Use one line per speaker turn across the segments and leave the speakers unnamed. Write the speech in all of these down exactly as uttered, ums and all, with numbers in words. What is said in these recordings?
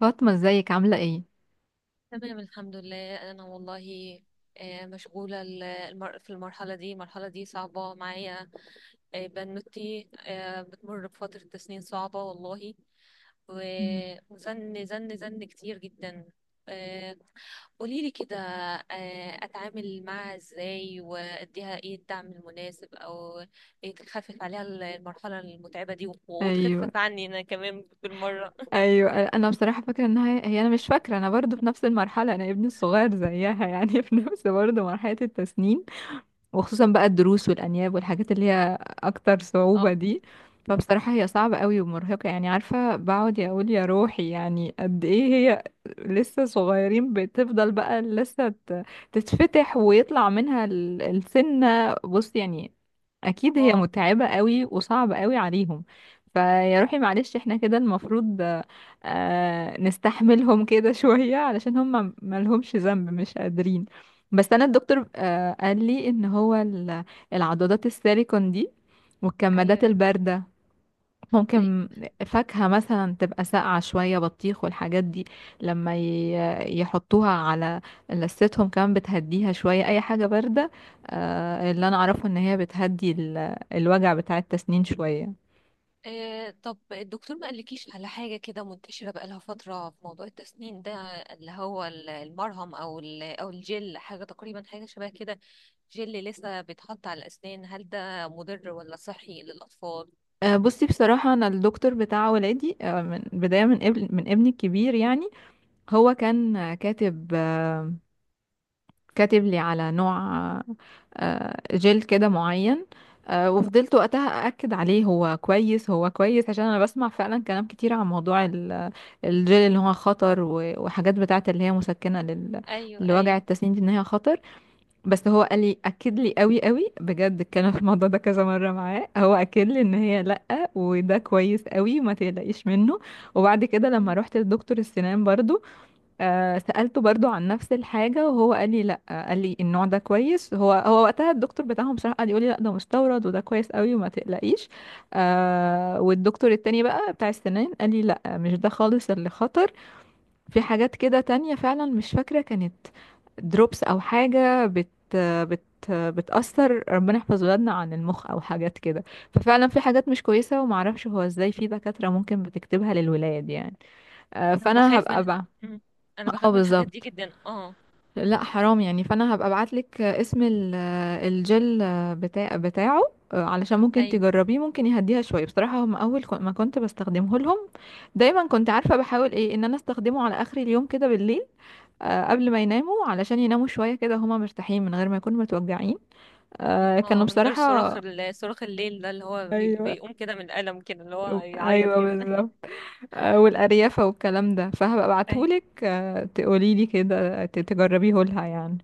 فاطمة، ازيك؟ عاملة ايه؟
تمام الحمد لله انا والله. آه، مشغوله ال- المر- في المرحله دي المرحله دي صعبه معايا. آه، بنوتي آه، بتمر بفتره تسنين صعبه والله.
مم.
و- وزن زن زن كتير جدا. آه، قوليلي كده، آه، اتعامل معاها ازاي واديها ايه الدعم المناسب او إيه تخفف عليها ال- المرحله المتعبه دي و-
ايوه،
وتخفف عني انا كمان بالمره
ايوه، انا بصراحة فاكرة انها هي هي انا مش فاكرة، انا برضو في نفس المرحلة، انا ابني الصغير زيها يعني في نفس برضو مرحلة التسنين. وخصوصا بقى الدروس والأنياب والحاجات اللي هي أكتر صعوبة
اه
دي، فبصراحة هي صعبة قوي ومرهقة، يعني عارفة بقعد يا أقول يا روحي يعني قد إيه هي لسه صغيرين. بتفضل بقى لسه ت- تتفتح ويطلع منها ال- السنة، بص يعني أكيد هي
اه،
متعبة قوي وصعبة قوي عليهم. فيا روحي معلش، احنا كده المفروض آه، نستحملهم كده شوية، علشان هم ملهمش ذنب، مش قادرين. بس انا الدكتور آه، قال لي ان هو ال- العضادات السيليكون دي والكمادات
ايوه
الباردة
ايوه.
ممكن، فاكهة مثلا تبقى ساقعة شوية، بطيخ والحاجات دي لما ي- يحطوها على لثتهم كمان بتهديها شوية، اي حاجة باردة آه، اللي انا اعرفه ان هي بتهدي ال- الوجع بتاع التسنين شوية.
آه، طب الدكتور ما قالكيش على حاجة كده منتشرة بقالها فترة في موضوع التسنين ده، اللي هو ال- المرهم أو ال- أو الجل، حاجة تقريبا حاجة شبه كده. جل لسه بيتحط على الأسنان، هل ده مضر ولا صحي للأطفال؟
آه، بصي بصراحة، أنا الدكتور بتاع ولادي آه، من بداية من ابن من ابني الكبير يعني، هو كان كاتب كاتب لي على نوع آه، جل كده معين، آه، وفضلت وقتها أأكد عليه، هو كويس هو كويس، عشان أنا بسمع فعلا كلام كتير عن موضوع ال- الجل اللي هو خطر، و- وحاجات بتاعت اللي هي مسكنة لل-
أيوه
لوجع
أيوه.
التسنين دي، إن هي خطر. بس هو قال لي، أكد لي قوي قوي بجد، اتكلم في الموضوع ده كذا مرة معاه، هو أكد لي إن هي لأ وده كويس قوي ما تقلقيش منه. وبعد كده لما
مم.
روحت لدكتور السنان برضو آه سألته برضو عن نفس الحاجة، وهو قال لي لا، آه، قال لي النوع ده كويس، هو هو وقتها الدكتور بتاعهم بصراحة قال يقول لي لا، ده مستورد وده كويس قوي وما تقلقيش. آه والدكتور التاني بقى بتاع السنان قال لي لا، مش ده خالص اللي خطر، في حاجات كده تانية فعلا مش فاكرة، كانت دروبس او حاجة بت بت بتأثر ربنا يحفظ ولادنا عن المخ او حاجات كده. ففعلا في حاجات مش كويسة، ومعرفش هو ازاي في دكاترة ممكن بتكتبها للولاد يعني. آه
أنا
فانا
بخاف
هبقى
من
بقى
مم. أنا
اه
بخاف من الحاجات دي
بالظبط،
جدا. اه
لا حرام يعني، فانا هبقى ابعتلك اسم ال- الجل بتاع بتاعه، علشان ممكن
أيوه.
تجربيه، ممكن يهديها شويه. بصراحه هم اول كو- ما كنت بستخدمه لهم دايما، كنت عارفه بحاول ايه ان انا استخدمه على اخر اليوم كده بالليل، آه، قبل ما يناموا علشان يناموا شويه كده هما مرتاحين من غير ما يكونوا متوجعين، آه، كانوا
اه، من غير صراخ
بصراحه
ال- صراخ الليل ده اللي هو بي-
ايوه،
بيقوم كده من الألم كده اللي هو يعيط
ايوه
كده
بالظبط، آه، والاريافه والكلام ده، فهبقى
أيوه.
ابعتهولك آه، تقوليلي كده ت- تجربيه لها يعني.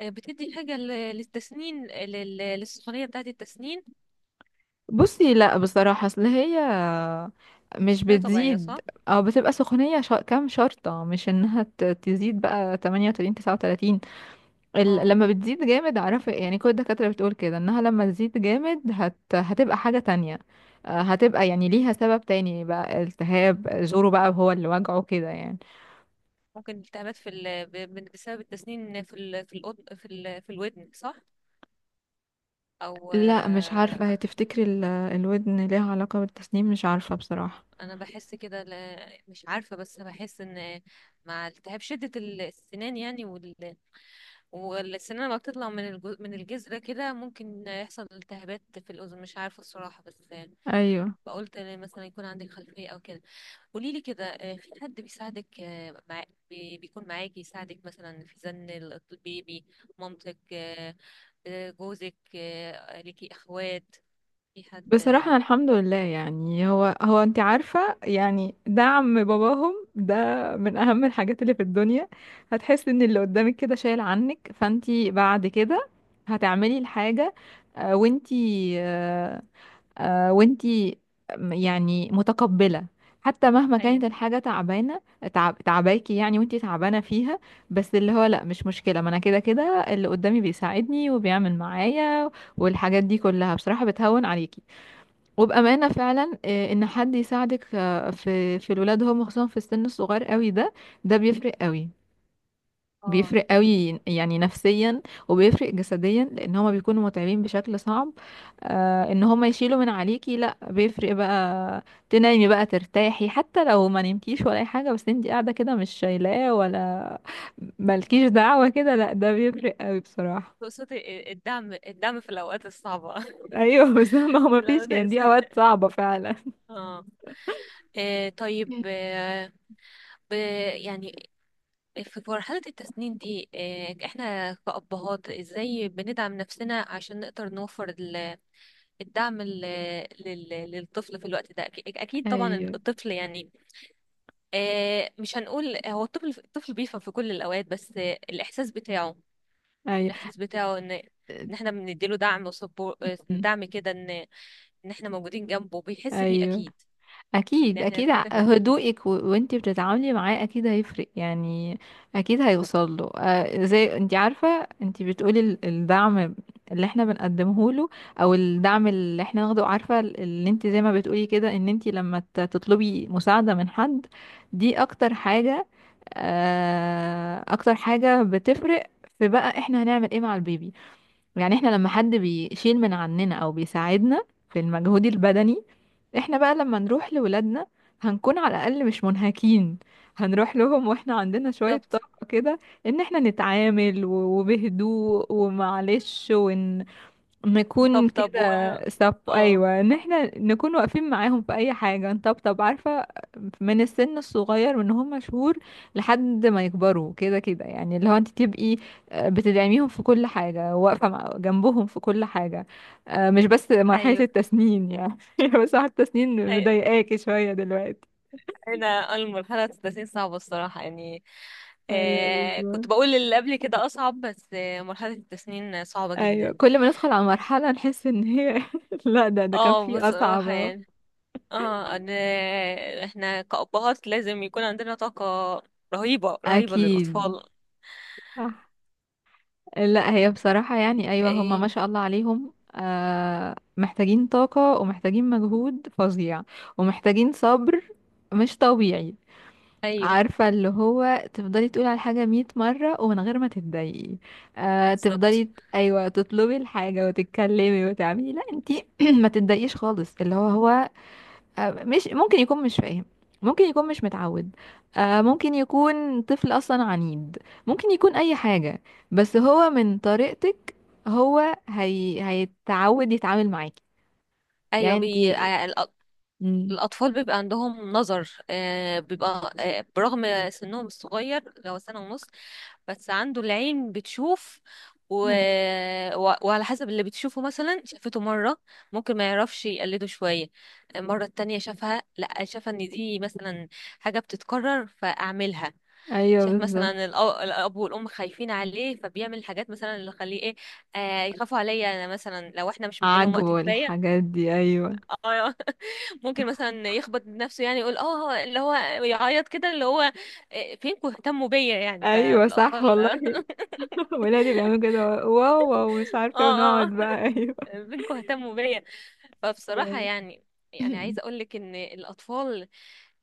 آه، بتدي حاجة لل- للتسنين، لل- للسخونية بتاعة التسنين؟
بصي لا بصراحة، اصل هي مش
سخونية طبيعية
بتزيد
صح؟
او بتبقى سخونية شا... كام شرطة، مش انها ت- تزيد بقى تمانية وتلاتين تسعة وتلاتين، ال...
اه.
لما بتزيد جامد اعرفي، يعني كل الدكاترة بتقول كده انها لما تزيد جامد هت... هتبقى حاجة تانية، آه، هتبقى يعني ليها سبب تاني بقى، التهاب زوره بقى هو اللي وجعه كده يعني.
ممكن التهابات في ال... ب- ب- بسبب التسنين في ال... في الأد... في ال... في الودن صح؟ او
لا مش عارفة، هي
آه،
تفتكري ال... الودن ليها علاقة بالتسنين؟ مش عارفة بصراحة.
انا بحس كده، لا- مش عارفة، بس بحس ان مع التهاب شدة ال- السنان يعني، وال... والسنان لما بتطلع من الج... من الجذر كده ممكن يحصل التهابات في الأذن. مش عارفة الصراحة، بس
ايوه
بقولت مثلا يكون عندك خلفية او كده. قولي لي كده، آه، في حد بيساعدك آه، مع... بي- بيكون معاكي يساعدك مثلا في زن ال- البيبي؟ مامتك، آه، آه، جوزك، آه، ليكي اخوات، في حد
بصراحة
آه،
أنا الحمد لله، يعني هو هو انت عارفة يعني دعم باباهم ده من اهم الحاجات اللي في الدنيا. هتحس ان اللي قدامك كده شايل عنك، فانت بعد كده هتعملي الحاجة آه، وانت آه، آه، وانت م- يعني متقبلة، حتى مهما كانت
ايوه.
الحاجة تعبانة، تعب تعباكي يعني، وانت تعبانة فيها، بس اللي هو لا مش مشكلة، ما انا كده كده اللي قدامي بيساعدني وبيعمل معايا، والحاجات دي كلها بصراحة بتهون عليكي. وبأمانة فعلا آه، إن حد يساعدك آه، في في الولاد هم، خصوصا في السن الصغير قوي ده، ده بيفرق قوي،
اه
بيفرق
كويس.
قوي يعني نفسيا، وبيفرق جسديا، لأن هما بيكونوا متعبين بشكل صعب، آه، إن هما يشيلوا من عليكي، لأ بيفرق بقى، تنامي بقى ترتاحي، حتى لو ما نمتيش ولا أي حاجة، بس انتي قاعدة كده مش شايلاه ولا مالكيش دعوة كده، لأ ده بيفرق قوي بصراحة.
تقصدي الدعم، الدعم في الاوقات الصعبه
أيوه بس ما هو
في
مفيش،
الاوقات
يعني دي أوقات
الصعبة.
صعبة فعلا.
اه. آه، طيب، آه، ب- يعني في مرحلة التسنين دي آه، احنا كأبهات ازاي بندعم نفسنا عشان نقدر نوفر الدعم ال- لل- للطفل في الوقت ده؟ أكي- اكيد طبعا
أيوه،
الطفل يعني آه، مش هنقول هو الطفل، الطفل بيفهم في كل الاوقات، بس آه، الاحساس بتاعه
أيوه.
الاحساس بتاعه ان ان احنا بنديله دعم وسبور،
مم.
دعم كده ان ان احنا موجودين جنبه بيحس بيه
ايوه
اكيد.
اكيد،
ان احنا
اكيد، ع-
نتخفف منه.
هدوءك و... وانتي بتتعاملي معاه اكيد هيفرق يعني، اكيد هيوصل له آه، زي انتي عارفه، انتي بتقولي ال- الدعم اللي احنا بنقدمه له، او الدعم اللي احنا ناخده، عارفه ال- اللي انتي زي ما بتقولي كده، ان انتي لما ت- تطلبي مساعده من حد دي اكتر حاجه، آه اكتر حاجه بتفرق في بقى احنا هنعمل ايه مع البيبي. يعني احنا لما حد بيشيل من عننا او بيساعدنا في المجهود البدني، احنا بقى لما نروح لولادنا هنكون على الاقل مش منهكين، هنروح لهم واحنا عندنا شوية
بالظبط.
طاقة كده، ان احنا نتعامل و- وبهدوء ومعلش ون...
طب
نكون
طب
كده.
و...
سب
اه.
ايوه ان احنا نكون واقفين معاهم في اي حاجه، نطبطب عارفه من السن الصغير، من هم شهور لحد ما يكبروا كده كده يعني، اللي هو انت تبقي آه، بتدعميهم في كل حاجه، واقفه مع- جنبهم في كل حاجه، آه، مش بس مرحله
ايوه
التسنين يعني بس واحد التسنين
أيوة.
مضايقاكي شويه دلوقتي.
هنا المرحله ستة وثلاثين صعبه الصراحه يعني.
ايوه
آه
بالظبط.
كنت بقول اللي قبل كده اصعب، بس آه مرحله التسنين صعبه
ايوه
جدا.
كل ما ندخل على مرحله نحس ان هي لا، ده ده كان
اه
في اصعب
بصراحة
أهو.
يعني. اه انا، احنا كأبهات لازم يكون عندنا طاقة رهيبة رهيبة
اكيد.
للأطفال.
صح. لا هي بصراحة، يعني أيوة، هما ما
ايه.
شاء الله عليهم آه محتاجين طاقة ومحتاجين مجهود فظيع، ومحتاجين صبر مش طبيعي.
ايوه
عارفة اللي هو تفضلي تقولي على الحاجة مية مرة ومن غير ما تتضايقي، آه
بالظبط.
تفضلي ت- أيوة تطلبي الحاجة وتتكلمي وتعملي، لا انتي ما تتضايقيش خالص، اللي هو هو آه، مش ممكن يكون مش فاهم، ممكن يكون مش متعود، آه، ممكن يكون طفل اصلا عنيد، ممكن يكون اي حاجة، بس هو من طريقتك هو هي... هيتعود يتعامل معاكي
ايوه
يعني.
بي...
انتي
ع- الأ-
مم.
الأطفال بيبقى عندهم نظر، آه بيبقى آه برغم سنهم الصغير لو سنة ونص، بس عنده العين بتشوف و...
أي-
و... وعلى حسب اللي بتشوفه. مثلا شافته مرة ممكن ما يعرفش يقلده شوية، المرة التانية شافها لا، شاف ان دي مثلا حاجة بتتكرر فأعملها.
ايوه
شاف مثلا
بالظبط،
الأ- الأب والأم خايفين عليه فبيعمل حاجات مثلا اللي خليه ايه، آه يخافوا عليا انا، مثلا لو احنا مش مديلهم وقت
عاجبه
كفاية.
الحاجات دي ايوه،
آه ممكن مثلا يخبط نفسه يعني، يقول اه آه، اللي هو يعيط كده اللي هو آه، فينكم اهتموا بيا يعني
ايوه صح
فالأطفال
والله ولادي بيعملوا كده، واو واو مش عارفه
اه
ونقعد
اه،
بقى، ايوه
بنكوا اهتموا بيا. فبصراحة
أيوة.
يعني، يعني عايزة أقولك إن الأطفال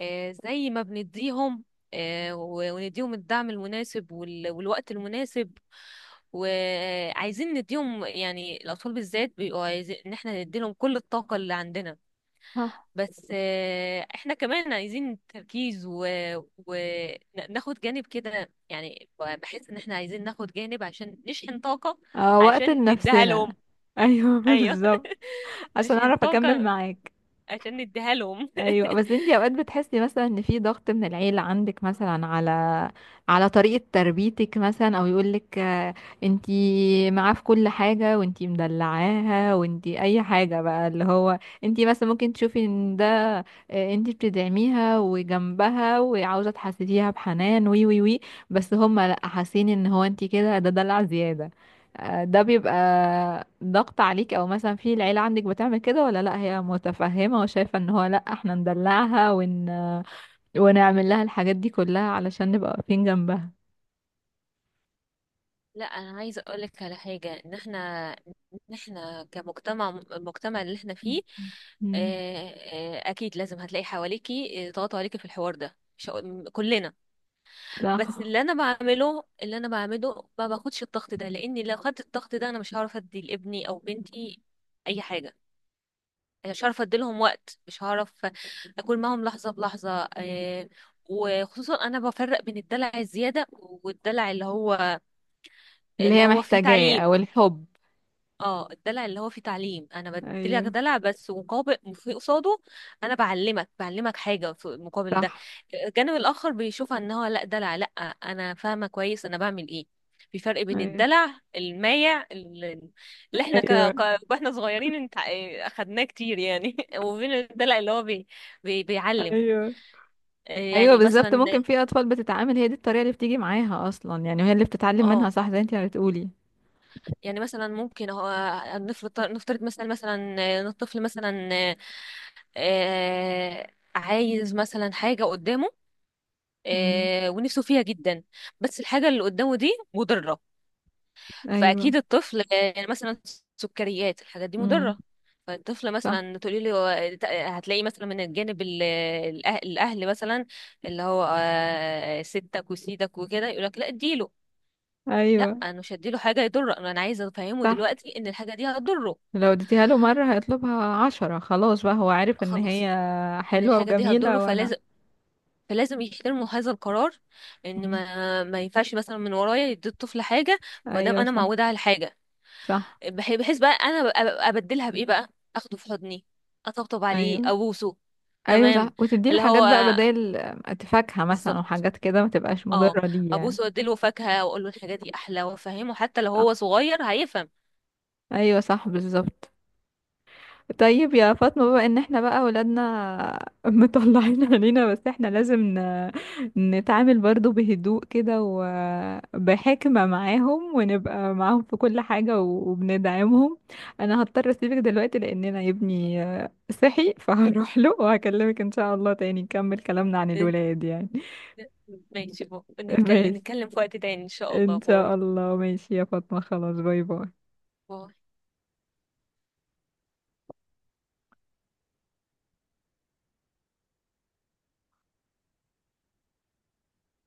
آه، زي ما بنديهم آه، و- ونديهم الدعم المناسب وال- والوقت المناسب وعايزين نديهم، يعني الأطفال بالذات بيبقوا عايزين إن احنا نديلهم كل الطاقة اللي عندنا.
صح.
بس آه، احنا كمان عايزين تركيز وناخد جانب كده، يعني بحس إن احنا عايزين ناخد جانب عشان نشحن طاقة
آه وقت
عشان نديها
لنفسنا،
لهم.
ايوه
ايوه
بالظبط، عشان
عشان
اعرف اكمل
طاقة
معاك.
عشان نديها لهم
ايوه بس انتي اوقات بتحسي مثلا ان في ضغط من العيله عندك مثلا على على طريقه تربيتك مثلا، او يقولك آه، انتي معاه في كل حاجه وانتي مدلعاها وانتي اي حاجه بقى، اللي هو انتي مثلا ممكن تشوفي ان ده آه، انتي بتدعميها وجنبها وعاوزه تحسسيها بحنان وي وي وي، بس هم لا حاسين ان هو انتي كده ده دلع زياده، آه، ده بيبقى ضغط عليك. او مثلا في العيلة عندك بتعمل كده ولا لا، هي متفهمة وشايفة ان هو لا احنا ندلعها ون... ونعمل لها الحاجات دي كلها علشان نبقى واقفين جنبها.
لا انا عايزه اقول لك على حاجه، ان احنا، ان احنا كمجتمع، المجتمع اللي احنا فيه
مم.
آه، آه، اكيد لازم هتلاقي حواليكي آه، ضغط عليكي في الحوار ده، مش هقول- كلنا. بس
صح،
اللي انا بعمله اللي انا بعمله ما باخدش الضغط ده، لاني لو خدت الضغط ده انا مش هعرف ادي لابني او بنتي اي حاجه، مش هعرف اديلهم وقت، مش هعرف اكون معاهم لحظه بلحظه. آه، وخصوصا انا بفرق بين الدلع الزياده والدلع اللي هو،
اللي
اللي
هي
هو فيه
محتاجاه او
تعليم.
الحب.
اه الدلع اللي هو فيه تعليم، انا بديلك
ايوه
دلع بس مقابل في قصاده، انا بعلمك بعلمك حاجه في المقابل ده.
صح.
الجانب الاخر بيشوفها ان هو لا دلع لا، انا فاهمه كويس انا بعمل ايه. في فرق بين
ايوه.
الدلع المايع اللي، اللي احنا ك...
ايوه.
ك... واحنا صغيرين انت اخدناه كتير يعني وبين الدلع اللي هو بي... بي... بيعلم.
ايوه.
آه،
ايوه
يعني
بالظبط،
مثلا،
ممكن في اطفال بتتعامل هي دي الطريقة اللي بتيجي معاها اصلا يعني، وهي اللي بتتعلم منها
اه
صح زي انت ما بتقولي.
يعني مثلا ممكن هو، نفرض نفترض مثلا، مثلا الطفل مثلا آه عايز مثلا حاجة قدامه
مم.
آه ونفسه فيها جدا، بس الحاجة اللي قدامه دي مضرة.
ايوه.
فأكيد الطفل آه مثلا سكريات، الحاجات دي
امم.
مضرة. فالطفل
صح.
مثلا تقولي له، هتلاقي مثلا من الجانب ال- الأه- الأهل مثلا، اللي هو آه ستك وسيدك وكده يقولك لا اديله. لا،
ايوه
انا مش هديله حاجه يضره، انا أنا عايزه افهمه
صح،
دلوقتي ان الحاجه دي هتضره.
لو اديتيها له مرة هيطلبها عشرة، خلاص بقى هو عارف ان
خلاص.
هي
ان
حلوة
الحاجه دي هتضره
وجميلة وانا.
فلازم فلازم يحترموا هذا القرار، ان
مم.
ما ما ينفعش مثلا من ورايا يدي الطفل حاجه، ما دام
ايوه
انا
صح.
معوده على الحاجه.
صح.
بح- بحيث بقى انا ببقى- ببقى ابدلها بايه بقى، اخده في حضني، اطبطب عليه،
ايوه.
ابوسه.
ايوه صح،
تمام.
وتديله
اللي
حاجات
هو
بقى بدل، فاكهة مثلا
بالظبط.
وحاجات كده ما تبقاش
اه،
مضرة ليه يعني.
ابوسه واديله فاكهه واقول له الحاجه دي احلى، وافهمه حتى لو
صح.
هو صغير هيفهم
ايوه صح بالظبط. طيب يا فاطمة، بما ان احنا بقى ولادنا مطلعين علينا، بس احنا لازم ن... نتعامل برضو بهدوء كده وبحكمة معاهم، ونبقى معاهم في كل حاجة و- وبندعمهم. انا هضطر اسيبك دلوقتي، لان انا ابني آه، صحي فهروح له وهكلمك ان شاء الله تاني نكمل كلامنا عن الولاد يعني.
ماشي بو. نتكلم
ماشي،
نتكلم في وقت تاني ان شاء الله.
ان شاء
باي
الله، ماشي يا فاطمة، خلاص، باي باي.
باي.